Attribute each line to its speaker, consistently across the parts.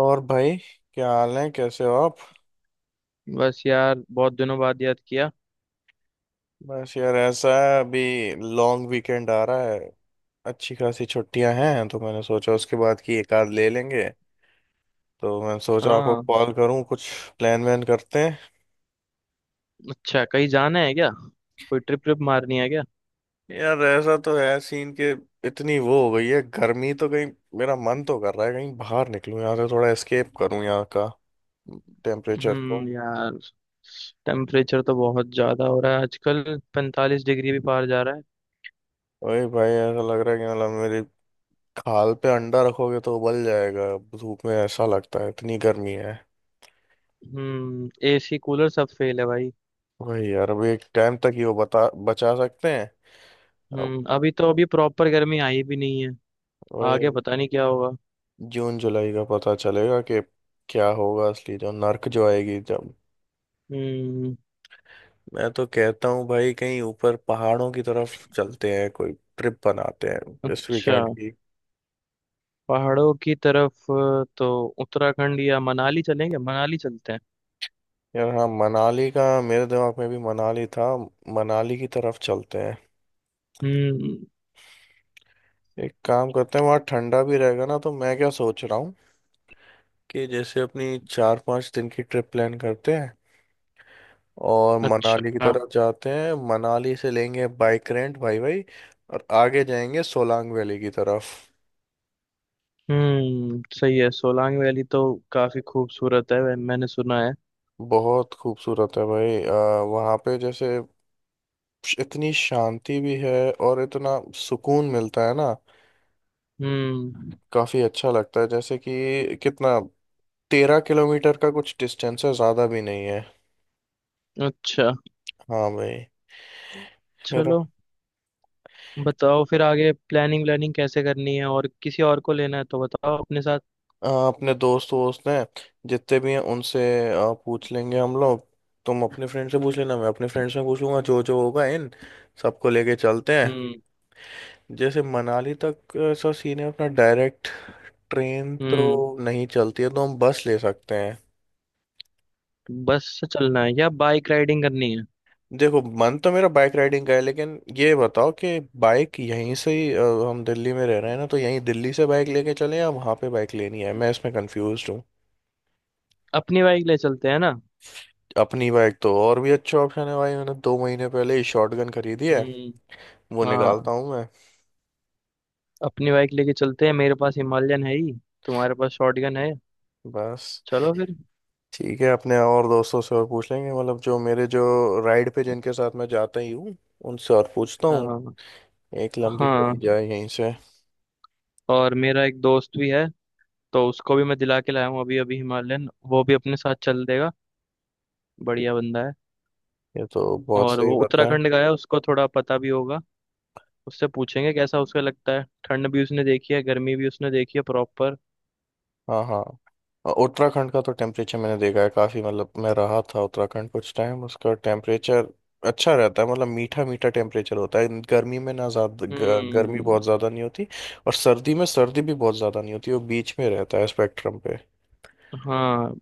Speaker 1: और भाई। क्या हाल है, कैसे हो आप?
Speaker 2: बस यार बहुत दिनों बाद याद किया।
Speaker 1: बस यार, ऐसा है अभी लॉन्ग वीकेंड आ रहा है। अच्छी खासी छुट्टियां हैं तो मैंने सोचा उसके बाद की एक आध ले लेंगे। तो मैंने सोचा आपको
Speaker 2: हाँ।
Speaker 1: कॉल करूं, कुछ प्लान वैन करते हैं।
Speaker 2: अच्छा कहीं जाना है क्या। कोई ट्रिप ट्रिप मारनी है क्या।
Speaker 1: यार ऐसा तो है सीन के, इतनी वो हो गई है गर्मी तो कहीं। मेरा मन तो कर रहा है कहीं बाहर निकलूं, यहाँ से थोड़ा एस्केप करूं यहाँ का टेम्परेचर को।
Speaker 2: यार, टेम्परेचर तो बहुत ज्यादा हो रहा है आजकल। पैंतालीस डिग्री भी पार जा रहा है।
Speaker 1: वही भाई, ऐसा लग रहा है कि मतलब मेरी खाल पे अंडा रखोगे तो उबल जाएगा। धूप में ऐसा लगता है, इतनी गर्मी है।
Speaker 2: हम्म, एसी कूलर सब फेल है भाई।
Speaker 1: वही यार, अभी एक टाइम तक ही वो बता बचा सकते हैं। अब
Speaker 2: हम्म, अभी तो अभी प्रॉपर गर्मी आई भी नहीं है। आगे
Speaker 1: वही,
Speaker 2: पता नहीं क्या होगा।
Speaker 1: जून जुलाई का पता चलेगा कि क्या होगा, असली जो नर्क जो आएगी जब।
Speaker 2: हम्म।
Speaker 1: मैं तो कहता हूँ भाई कहीं ऊपर पहाड़ों की तरफ चलते हैं, कोई ट्रिप बनाते हैं इस
Speaker 2: अच्छा,
Speaker 1: वीकेंड की।
Speaker 2: पहाड़ों की तरफ तो उत्तराखंड या मनाली चलेंगे। मनाली चलते हैं।
Speaker 1: यार हाँ, मनाली का मेरे दिमाग में भी मनाली था। मनाली की तरफ चलते हैं।
Speaker 2: हम्म।
Speaker 1: एक काम करते हैं, वहाँ ठंडा भी रहेगा ना, तो मैं क्या सोच रहा हूँ कि जैसे अपनी 4-5 दिन की ट्रिप प्लान करते हैं और मनाली की
Speaker 2: अच्छा।
Speaker 1: तरफ जाते हैं। मनाली से लेंगे बाइक रेंट, भाई भाई। और आगे जाएंगे सोलांग वैली की तरफ।
Speaker 2: सही है, सोलांग वैली तो काफी खूबसूरत है। मैंने सुना है।
Speaker 1: बहुत खूबसूरत है भाई। वहाँ पे जैसे इतनी शांति भी है और इतना सुकून मिलता है ना।
Speaker 2: हम्म।
Speaker 1: काफी अच्छा लगता है, जैसे कि कितना, 13 किलोमीटर का कुछ डिस्टेंस है, ज्यादा भी नहीं है।
Speaker 2: अच्छा।
Speaker 1: हाँ भाई। मेरा
Speaker 2: चलो, बताओ फिर आगे प्लानिंग व्लानिंग कैसे करनी है, और किसी और को लेना है तो बताओ अपने साथ।
Speaker 1: अपने दोस्त वोस्त हैं जितने भी हैं उनसे पूछ लेंगे हम लोग। तुम अपने फ्रेंड से पूछ लेना, मैं अपने फ्रेंड से पूछूंगा, जो जो होगा इन सबको लेके चलते हैं।
Speaker 2: हम्म।
Speaker 1: जैसे मनाली तक ऐसा सीन है अपना, डायरेक्ट ट्रेन
Speaker 2: हम्म।
Speaker 1: तो नहीं चलती है तो हम बस ले सकते हैं।
Speaker 2: बस से चलना है या बाइक राइडिंग करनी है।
Speaker 1: देखो मन तो मेरा बाइक राइडिंग का है, लेकिन ये बताओ कि बाइक यहीं से ही हम दिल्ली में रह रहे हैं ना, तो यहीं दिल्ली से बाइक लेके चले या वहाँ पे बाइक लेनी है, मैं इसमें कंफ्यूज।
Speaker 2: अपनी बाइक ले चलते हैं ना।
Speaker 1: अपनी बाइक तो और भी अच्छा ऑप्शन है भाई, मैंने 2 महीने पहले ही शॉटगन खरीदी है।
Speaker 2: हम्म।
Speaker 1: वो
Speaker 2: हाँ,
Speaker 1: निकालता हूँ मैं।
Speaker 2: अपनी बाइक लेके चलते हैं। मेरे पास हिमालयन है ही, तुम्हारे पास शॉटगन है।
Speaker 1: बस,
Speaker 2: चलो फिर।
Speaker 1: ठीक है, अपने और दोस्तों से और पूछ लेंगे, मतलब जो मेरे जो राइड पे जिनके साथ मैं जाता ही हूँ उनसे और पूछता हूँ।
Speaker 2: हाँ।
Speaker 1: एक लंबी हो
Speaker 2: हाँ,
Speaker 1: ही जाए यहीं से।
Speaker 2: और मेरा एक दोस्त भी है, तो उसको भी मैं दिला के लाया हूँ अभी अभी हिमालयन, वो भी अपने साथ चल देगा। बढ़िया बंदा है।
Speaker 1: ये तो बहुत
Speaker 2: और
Speaker 1: सही
Speaker 2: वो
Speaker 1: बात है।
Speaker 2: उत्तराखंड का है, उसको थोड़ा पता भी होगा। उससे पूछेंगे कैसा उसका लगता है। ठंड भी उसने देखी है, गर्मी भी उसने देखी है प्रॉपर।
Speaker 1: हाँ हाँ। और उत्तराखंड का तो टेम्परेचर मैंने देखा है काफ़ी, मतलब मैं रहा था उत्तराखंड कुछ टाइम, उसका टेम्परेचर अच्छा रहता है। मतलब मीठा मीठा टेम्परेचर होता है, गर्मी में ना ज़्यादा गर्मी
Speaker 2: हम्म।
Speaker 1: बहुत ज़्यादा नहीं होती, और सर्दी में सर्दी भी बहुत ज़्यादा नहीं होती, वो बीच में रहता है स्पेक्ट्रम पे।
Speaker 2: हाँ,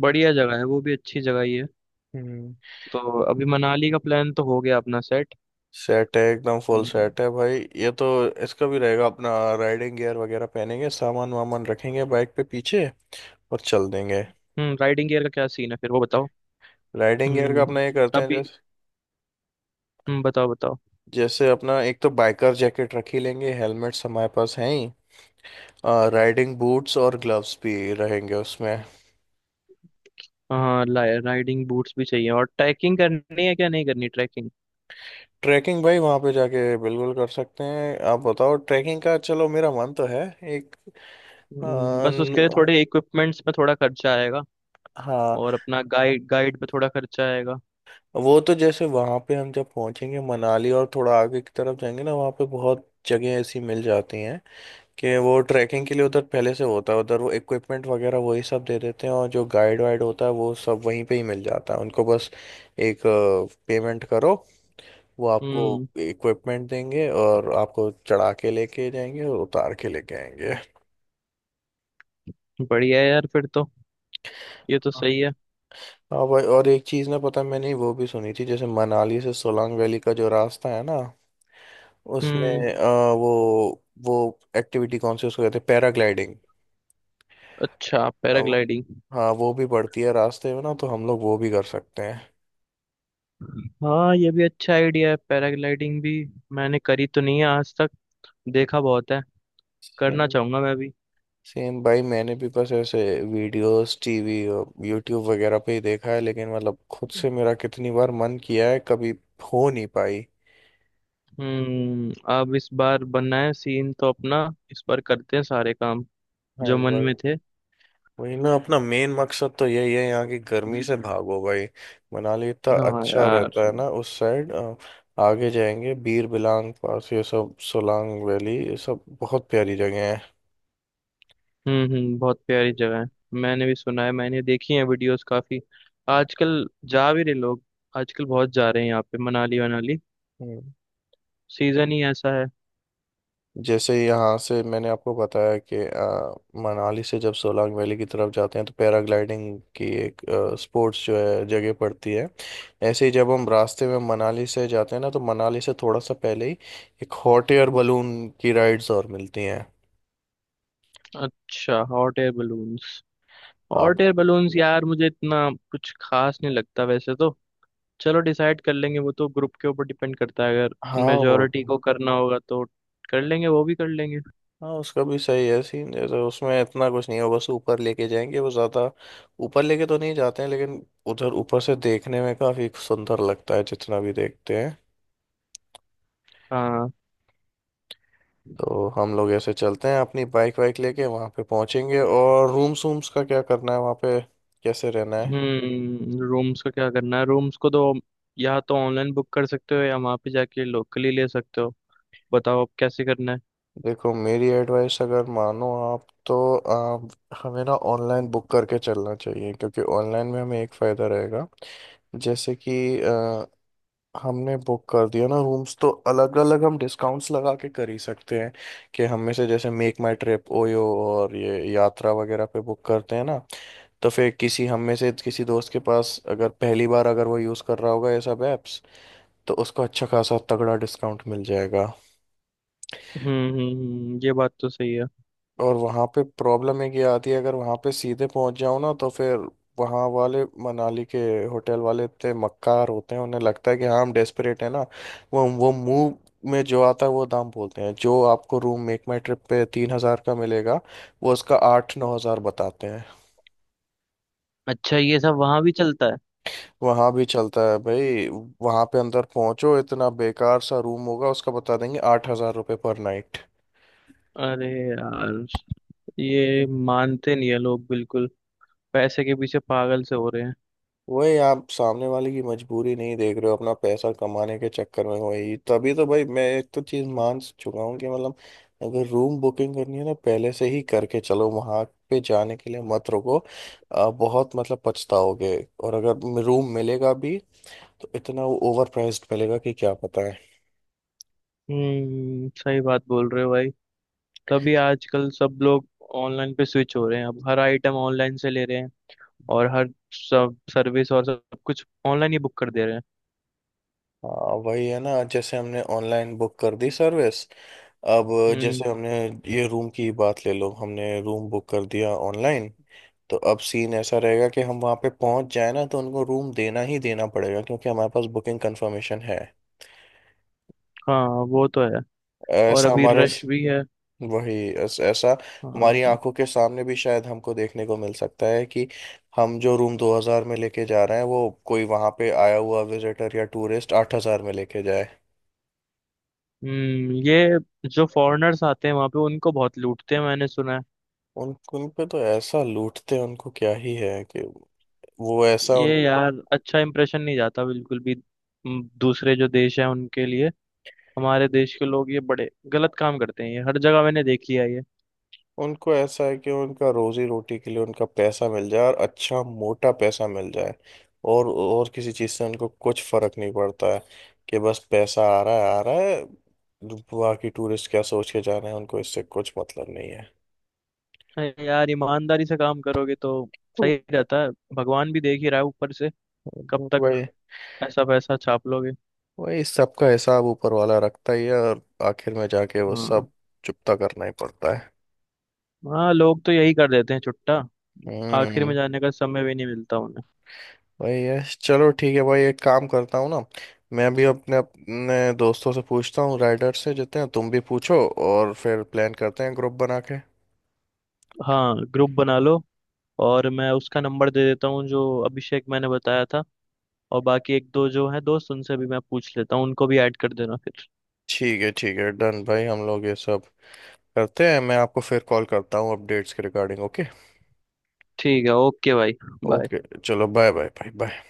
Speaker 2: बढ़िया जगह है वो भी, अच्छी जगह ही है।
Speaker 1: हम्म।
Speaker 2: तो अभी मनाली का प्लान तो हो गया अपना सेट।
Speaker 1: सेट है, एकदम फुल
Speaker 2: हम्म।
Speaker 1: सेट है भाई ये तो। इसका भी रहेगा अपना राइडिंग गियर वगैरह पहनेंगे, सामान वामान रखेंगे बाइक पे पीछे, और चल देंगे।
Speaker 2: हम्म, राइडिंग गियर का क्या सीन है फिर वो बताओ।
Speaker 1: राइडिंग गियर का
Speaker 2: हम्म।
Speaker 1: अपना ये करते हैं,
Speaker 2: अभी। हम्म, बताओ बताओ।
Speaker 1: जैसे अपना एक तो बाइकर जैकेट रख ही लेंगे, हेलमेट्स हमारे पास हैं ही, राइडिंग बूट्स और ग्लव्स भी रहेंगे उसमें।
Speaker 2: हाँ, राइडिंग बूट्स भी चाहिए। और ट्रैकिंग करनी है क्या नहीं करनी।
Speaker 1: ट्रैकिंग भाई वहाँ पे जाके बिल्कुल कर सकते हैं। आप बताओ, ट्रैकिंग का चलो मेरा मन तो है एक। अ,
Speaker 2: बस उसके लिए
Speaker 1: न-
Speaker 2: थोड़े इक्विपमेंट्स में थोड़ा खर्चा आएगा।
Speaker 1: हाँ,
Speaker 2: और अपना गाइड गाइड पे थोड़ा खर्चा आएगा।
Speaker 1: वो तो जैसे वहाँ पे हम जब पहुँचेंगे मनाली और थोड़ा आगे की तरफ जाएंगे ना, वहाँ पे बहुत जगह ऐसी मिल जाती हैं कि वो ट्रैकिंग के लिए उधर पहले से होता है, उधर वो इक्विपमेंट वगैरह वही सब दे देते हैं, और जो गाइड वाइड होता है वो सब वहीं पे ही मिल जाता है। उनको बस एक पेमेंट करो, वो आपको
Speaker 2: हम्म,
Speaker 1: इक्विपमेंट देंगे और आपको चढ़ा के लेके जाएंगे और उतार के लेके आएंगे।
Speaker 2: बढ़िया है यार फिर तो। ये तो सही है।
Speaker 1: हाँ भाई, और एक चीज़ ना पता है, मैंने वो भी सुनी थी, जैसे मनाली से सोलांग वैली का जो रास्ता है ना
Speaker 2: हम्म।
Speaker 1: उसमें वो एक्टिविटी कौन सी उसको कहते हैं, पैराग्लाइडिंग।
Speaker 2: अच्छा,
Speaker 1: अब
Speaker 2: पैराग्लाइडिंग।
Speaker 1: हाँ, वो भी बढ़ती है रास्ते में ना, तो हम लोग वो भी कर सकते हैं।
Speaker 2: हाँ, ये भी अच्छा आइडिया है पैराग्लाइडिंग भी। मैंने करी तो नहीं है आज तक, देखा बहुत है। करना
Speaker 1: सेम,
Speaker 2: चाहूंगा मैं भी।
Speaker 1: सेम भाई मैंने भी बस ऐसे वीडियोस टीवी और यूट्यूब वगैरह पे ही देखा है, लेकिन मतलब खुद से मेरा कितनी बार मन किया है, कभी हो नहीं पाई।
Speaker 2: हम्म, अब इस बार बनना है सीन तो अपना। इस बार करते हैं सारे काम
Speaker 1: हाँ
Speaker 2: जो
Speaker 1: इस
Speaker 2: मन
Speaker 1: बार।
Speaker 2: में थे।
Speaker 1: वही ना, अपना मेन मकसद तो यही है, यहाँ की गर्मी से भागो भाई। मनाली इतना
Speaker 2: हाँ
Speaker 1: अच्छा
Speaker 2: यार।
Speaker 1: रहता है ना उस साइड। आगे जाएंगे बीर बिलांग पास, ये सब सोलांग वैली, ये सब बहुत प्यारी जगह है।
Speaker 2: हम्म। हम्म, बहुत प्यारी जगह है। मैंने भी सुना है, मैंने देखी है वीडियोस काफी। आजकल जा भी रहे लोग। आजकल बहुत जा रहे हैं यहाँ पे मनाली वनाली।
Speaker 1: हम्म।
Speaker 2: सीजन ही ऐसा है।
Speaker 1: जैसे यहाँ से मैंने आपको बताया कि मनाली से जब सोलांग वैली की तरफ जाते हैं तो पैराग्लाइडिंग की एक स्पोर्ट्स जो है जगह पड़ती है। ऐसे ही जब हम रास्ते में मनाली से जाते हैं ना, तो मनाली से थोड़ा सा पहले ही एक हॉट एयर बलून की राइड्स और मिलती हैं।
Speaker 2: अच्छा, हॉट एयर बलून्स।
Speaker 1: आप।
Speaker 2: हॉट एयर बलून्स यार मुझे इतना कुछ खास नहीं लगता वैसे तो। चलो डिसाइड कर लेंगे, वो तो ग्रुप के ऊपर डिपेंड करता है। अगर
Speaker 1: हाँ वो।
Speaker 2: मेजोरिटी को करना होगा तो कर लेंगे, वो भी कर लेंगे।
Speaker 1: हाँ उसका भी सही है सीन, जैसे उसमें इतना कुछ नहीं है, वो बस ऊपर लेके जाएंगे, वो ज़्यादा ऊपर लेके तो नहीं जाते हैं, लेकिन उधर ऊपर से देखने में काफ़ी सुंदर लगता है जितना भी देखते हैं।
Speaker 2: हाँ।
Speaker 1: तो हम लोग ऐसे चलते हैं अपनी बाइक वाइक लेके, वहाँ पे पहुँचेंगे, और रूम्स वूम्स का क्या करना है वहाँ पे, कैसे रहना है।
Speaker 2: हम्म, रूम्स का क्या करना है। रूम्स को तो या तो ऑनलाइन बुक कर सकते हो, या वहाँ पे जाके लोकली ले सकते हो। बताओ अब कैसे करना है।
Speaker 1: देखो मेरी एडवाइस अगर मानो आप तो, आप, हमें ना ऑनलाइन बुक करके चलना चाहिए, क्योंकि ऑनलाइन में हमें एक फ़ायदा रहेगा। जैसे कि अ, हमने बुक कर दिया ना रूम्स, तो अलग अलग हम डिस्काउंट्स लगा के कर ही सकते हैं, कि हम में से, जैसे मेक माई ट्रिप, ओयो और ये यात्रा वगैरह पे बुक करते हैं ना, तो फिर किसी, हम में से किसी दोस्त के पास अगर पहली बार अगर वो यूज़ कर रहा होगा ये सब ऐप्स, तो उसको अच्छा खासा तगड़ा डिस्काउंट मिल जाएगा।
Speaker 2: ये बात तो सही है।
Speaker 1: और वहाँ पे प्रॉब्लम एक ये आती है, अगर वहाँ पे सीधे पहुँच जाओ ना, तो फिर वहाँ वाले मनाली के होटल वाले इतने मक्कार होते हैं, उन्हें लगता है कि हाँ हम डेस्परेट हैं ना, वो मुंह में जो आता है वो दाम बोलते हैं। जो आपको रूम मेक माई ट्रिप पे 3 हज़ार का मिलेगा, वो उसका 8-9 हज़ार बताते हैं।
Speaker 2: अच्छा, ये सब वहां भी चलता है।
Speaker 1: वहां भी चलता है भाई, वहां पे अंदर पहुंचो इतना बेकार सा रूम होगा, उसका बता देंगे 8 हजार रुपये पर नाइट।
Speaker 2: अरे यार, ये मानते नहीं है लोग बिल्कुल। पैसे के पीछे पागल से हो रहे हैं।
Speaker 1: वही, आप सामने वाले की मजबूरी नहीं देख रहे हो अपना पैसा कमाने के चक्कर में। वही तभी तो भाई मैं एक तो चीज मान चुका हूँ, कि मतलब अगर रूम बुकिंग करनी है ना पहले से ही करके चलो, वहां पे जाने के लिए मत रुको। बहुत मतलब पछताओगे। और अगर रूम मिलेगा भी तो इतना वो ओवर प्राइस्ड मिलेगा कि क्या पता है।
Speaker 2: हम्म, सही बात बोल रहे हो भाई। तभी आजकल सब लोग ऑनलाइन पे स्विच हो रहे हैं। अब हर आइटम ऑनलाइन से ले रहे हैं। और हर सब सर्विस और सब सब कुछ ऑनलाइन ही बुक कर दे रहे हैं।
Speaker 1: हाँ वही है ना, जैसे हमने ऑनलाइन बुक कर दी सर्विस। अब
Speaker 2: हम्म।
Speaker 1: जैसे हमने ये रूम की ही बात ले लो, हमने रूम बुक कर दिया ऑनलाइन, तो अब सीन ऐसा रहेगा कि हम वहाँ पे पहुँच जाए ना, तो उनको रूम देना ही देना पड़ेगा क्योंकि हमारे पास बुकिंग कंफर्मेशन है।
Speaker 2: हाँ वो तो है। और
Speaker 1: ऐसा
Speaker 2: अभी
Speaker 1: हमारे
Speaker 2: रश भी
Speaker 1: बिल्कुल
Speaker 2: है।
Speaker 1: वही ऐसा हमारी
Speaker 2: हाँ।
Speaker 1: आंखों के सामने भी शायद हमको देखने को मिल सकता है कि हम जो रूम 2000 में लेके जा रहे हैं वो कोई वहाँ पे आया हुआ विजिटर या टूरिस्ट 8000 में लेके जाए।
Speaker 2: हम्म, ये जो फॉरेनर्स आते हैं वहां पे, उनको बहुत लूटते हैं मैंने सुना है।
Speaker 1: उन उन पे तो ऐसा लूटते हैं, उनको क्या ही है कि वो ऐसा
Speaker 2: ये
Speaker 1: उन।
Speaker 2: यार, अच्छा इंप्रेशन नहीं जाता बिल्कुल भी। दूसरे जो देश हैं उनके लिए हमारे देश के लोग ये बड़े गलत काम करते हैं। ये हर जगह मैंने देख लिया है ये।
Speaker 1: उनको ऐसा है कि उनका रोजी रोटी के लिए उनका पैसा मिल जाए और अच्छा मोटा पैसा मिल जाए, और किसी चीज़ से उनको कुछ फर्क नहीं पड़ता है, कि बस पैसा आ रहा है आ रहा है, बाकी टूरिस्ट क्या सोच के जा रहे हैं उनको इससे कुछ मतलब नहीं है।
Speaker 2: अरे यार, ईमानदारी से काम करोगे तो सही रहता है। भगवान भी देख ही रहा है ऊपर से, कब तक
Speaker 1: वही,
Speaker 2: ऐसा पैसा छाप लोगे।
Speaker 1: वही सबका हिसाब ऊपर वाला रखता ही है, और आखिर में जाके वो
Speaker 2: हाँ।
Speaker 1: सब चुकता करना ही पड़ता है।
Speaker 2: हाँ, लोग तो यही कर देते हैं छुट्टा। आखिर में
Speaker 1: हम्म।
Speaker 2: जाने का समय भी नहीं मिलता उन्हें।
Speaker 1: भाई यस, चलो ठीक है भाई, एक काम करता हूँ ना, मैं भी अपने अपने दोस्तों से पूछता हूँ राइडर से जितने हैं, तुम भी पूछो, और फिर प्लान करते हैं ग्रुप बना के।
Speaker 2: हाँ, ग्रुप बना लो। और मैं उसका नंबर दे देता हूँ जो अभिषेक मैंने बताया था। और बाकी एक दो जो है दोस्त उनसे भी मैं पूछ लेता हूँ, उनको भी ऐड कर देना फिर।
Speaker 1: ठीक है ठीक है, डन भाई, हम लोग ये सब करते हैं, मैं आपको फिर कॉल करता हूँ अपडेट्स के रिगार्डिंग, ओके।
Speaker 2: ठीक है, ओके भाई। बाय।
Speaker 1: ओके चलो, बाय बाय बाय बाय।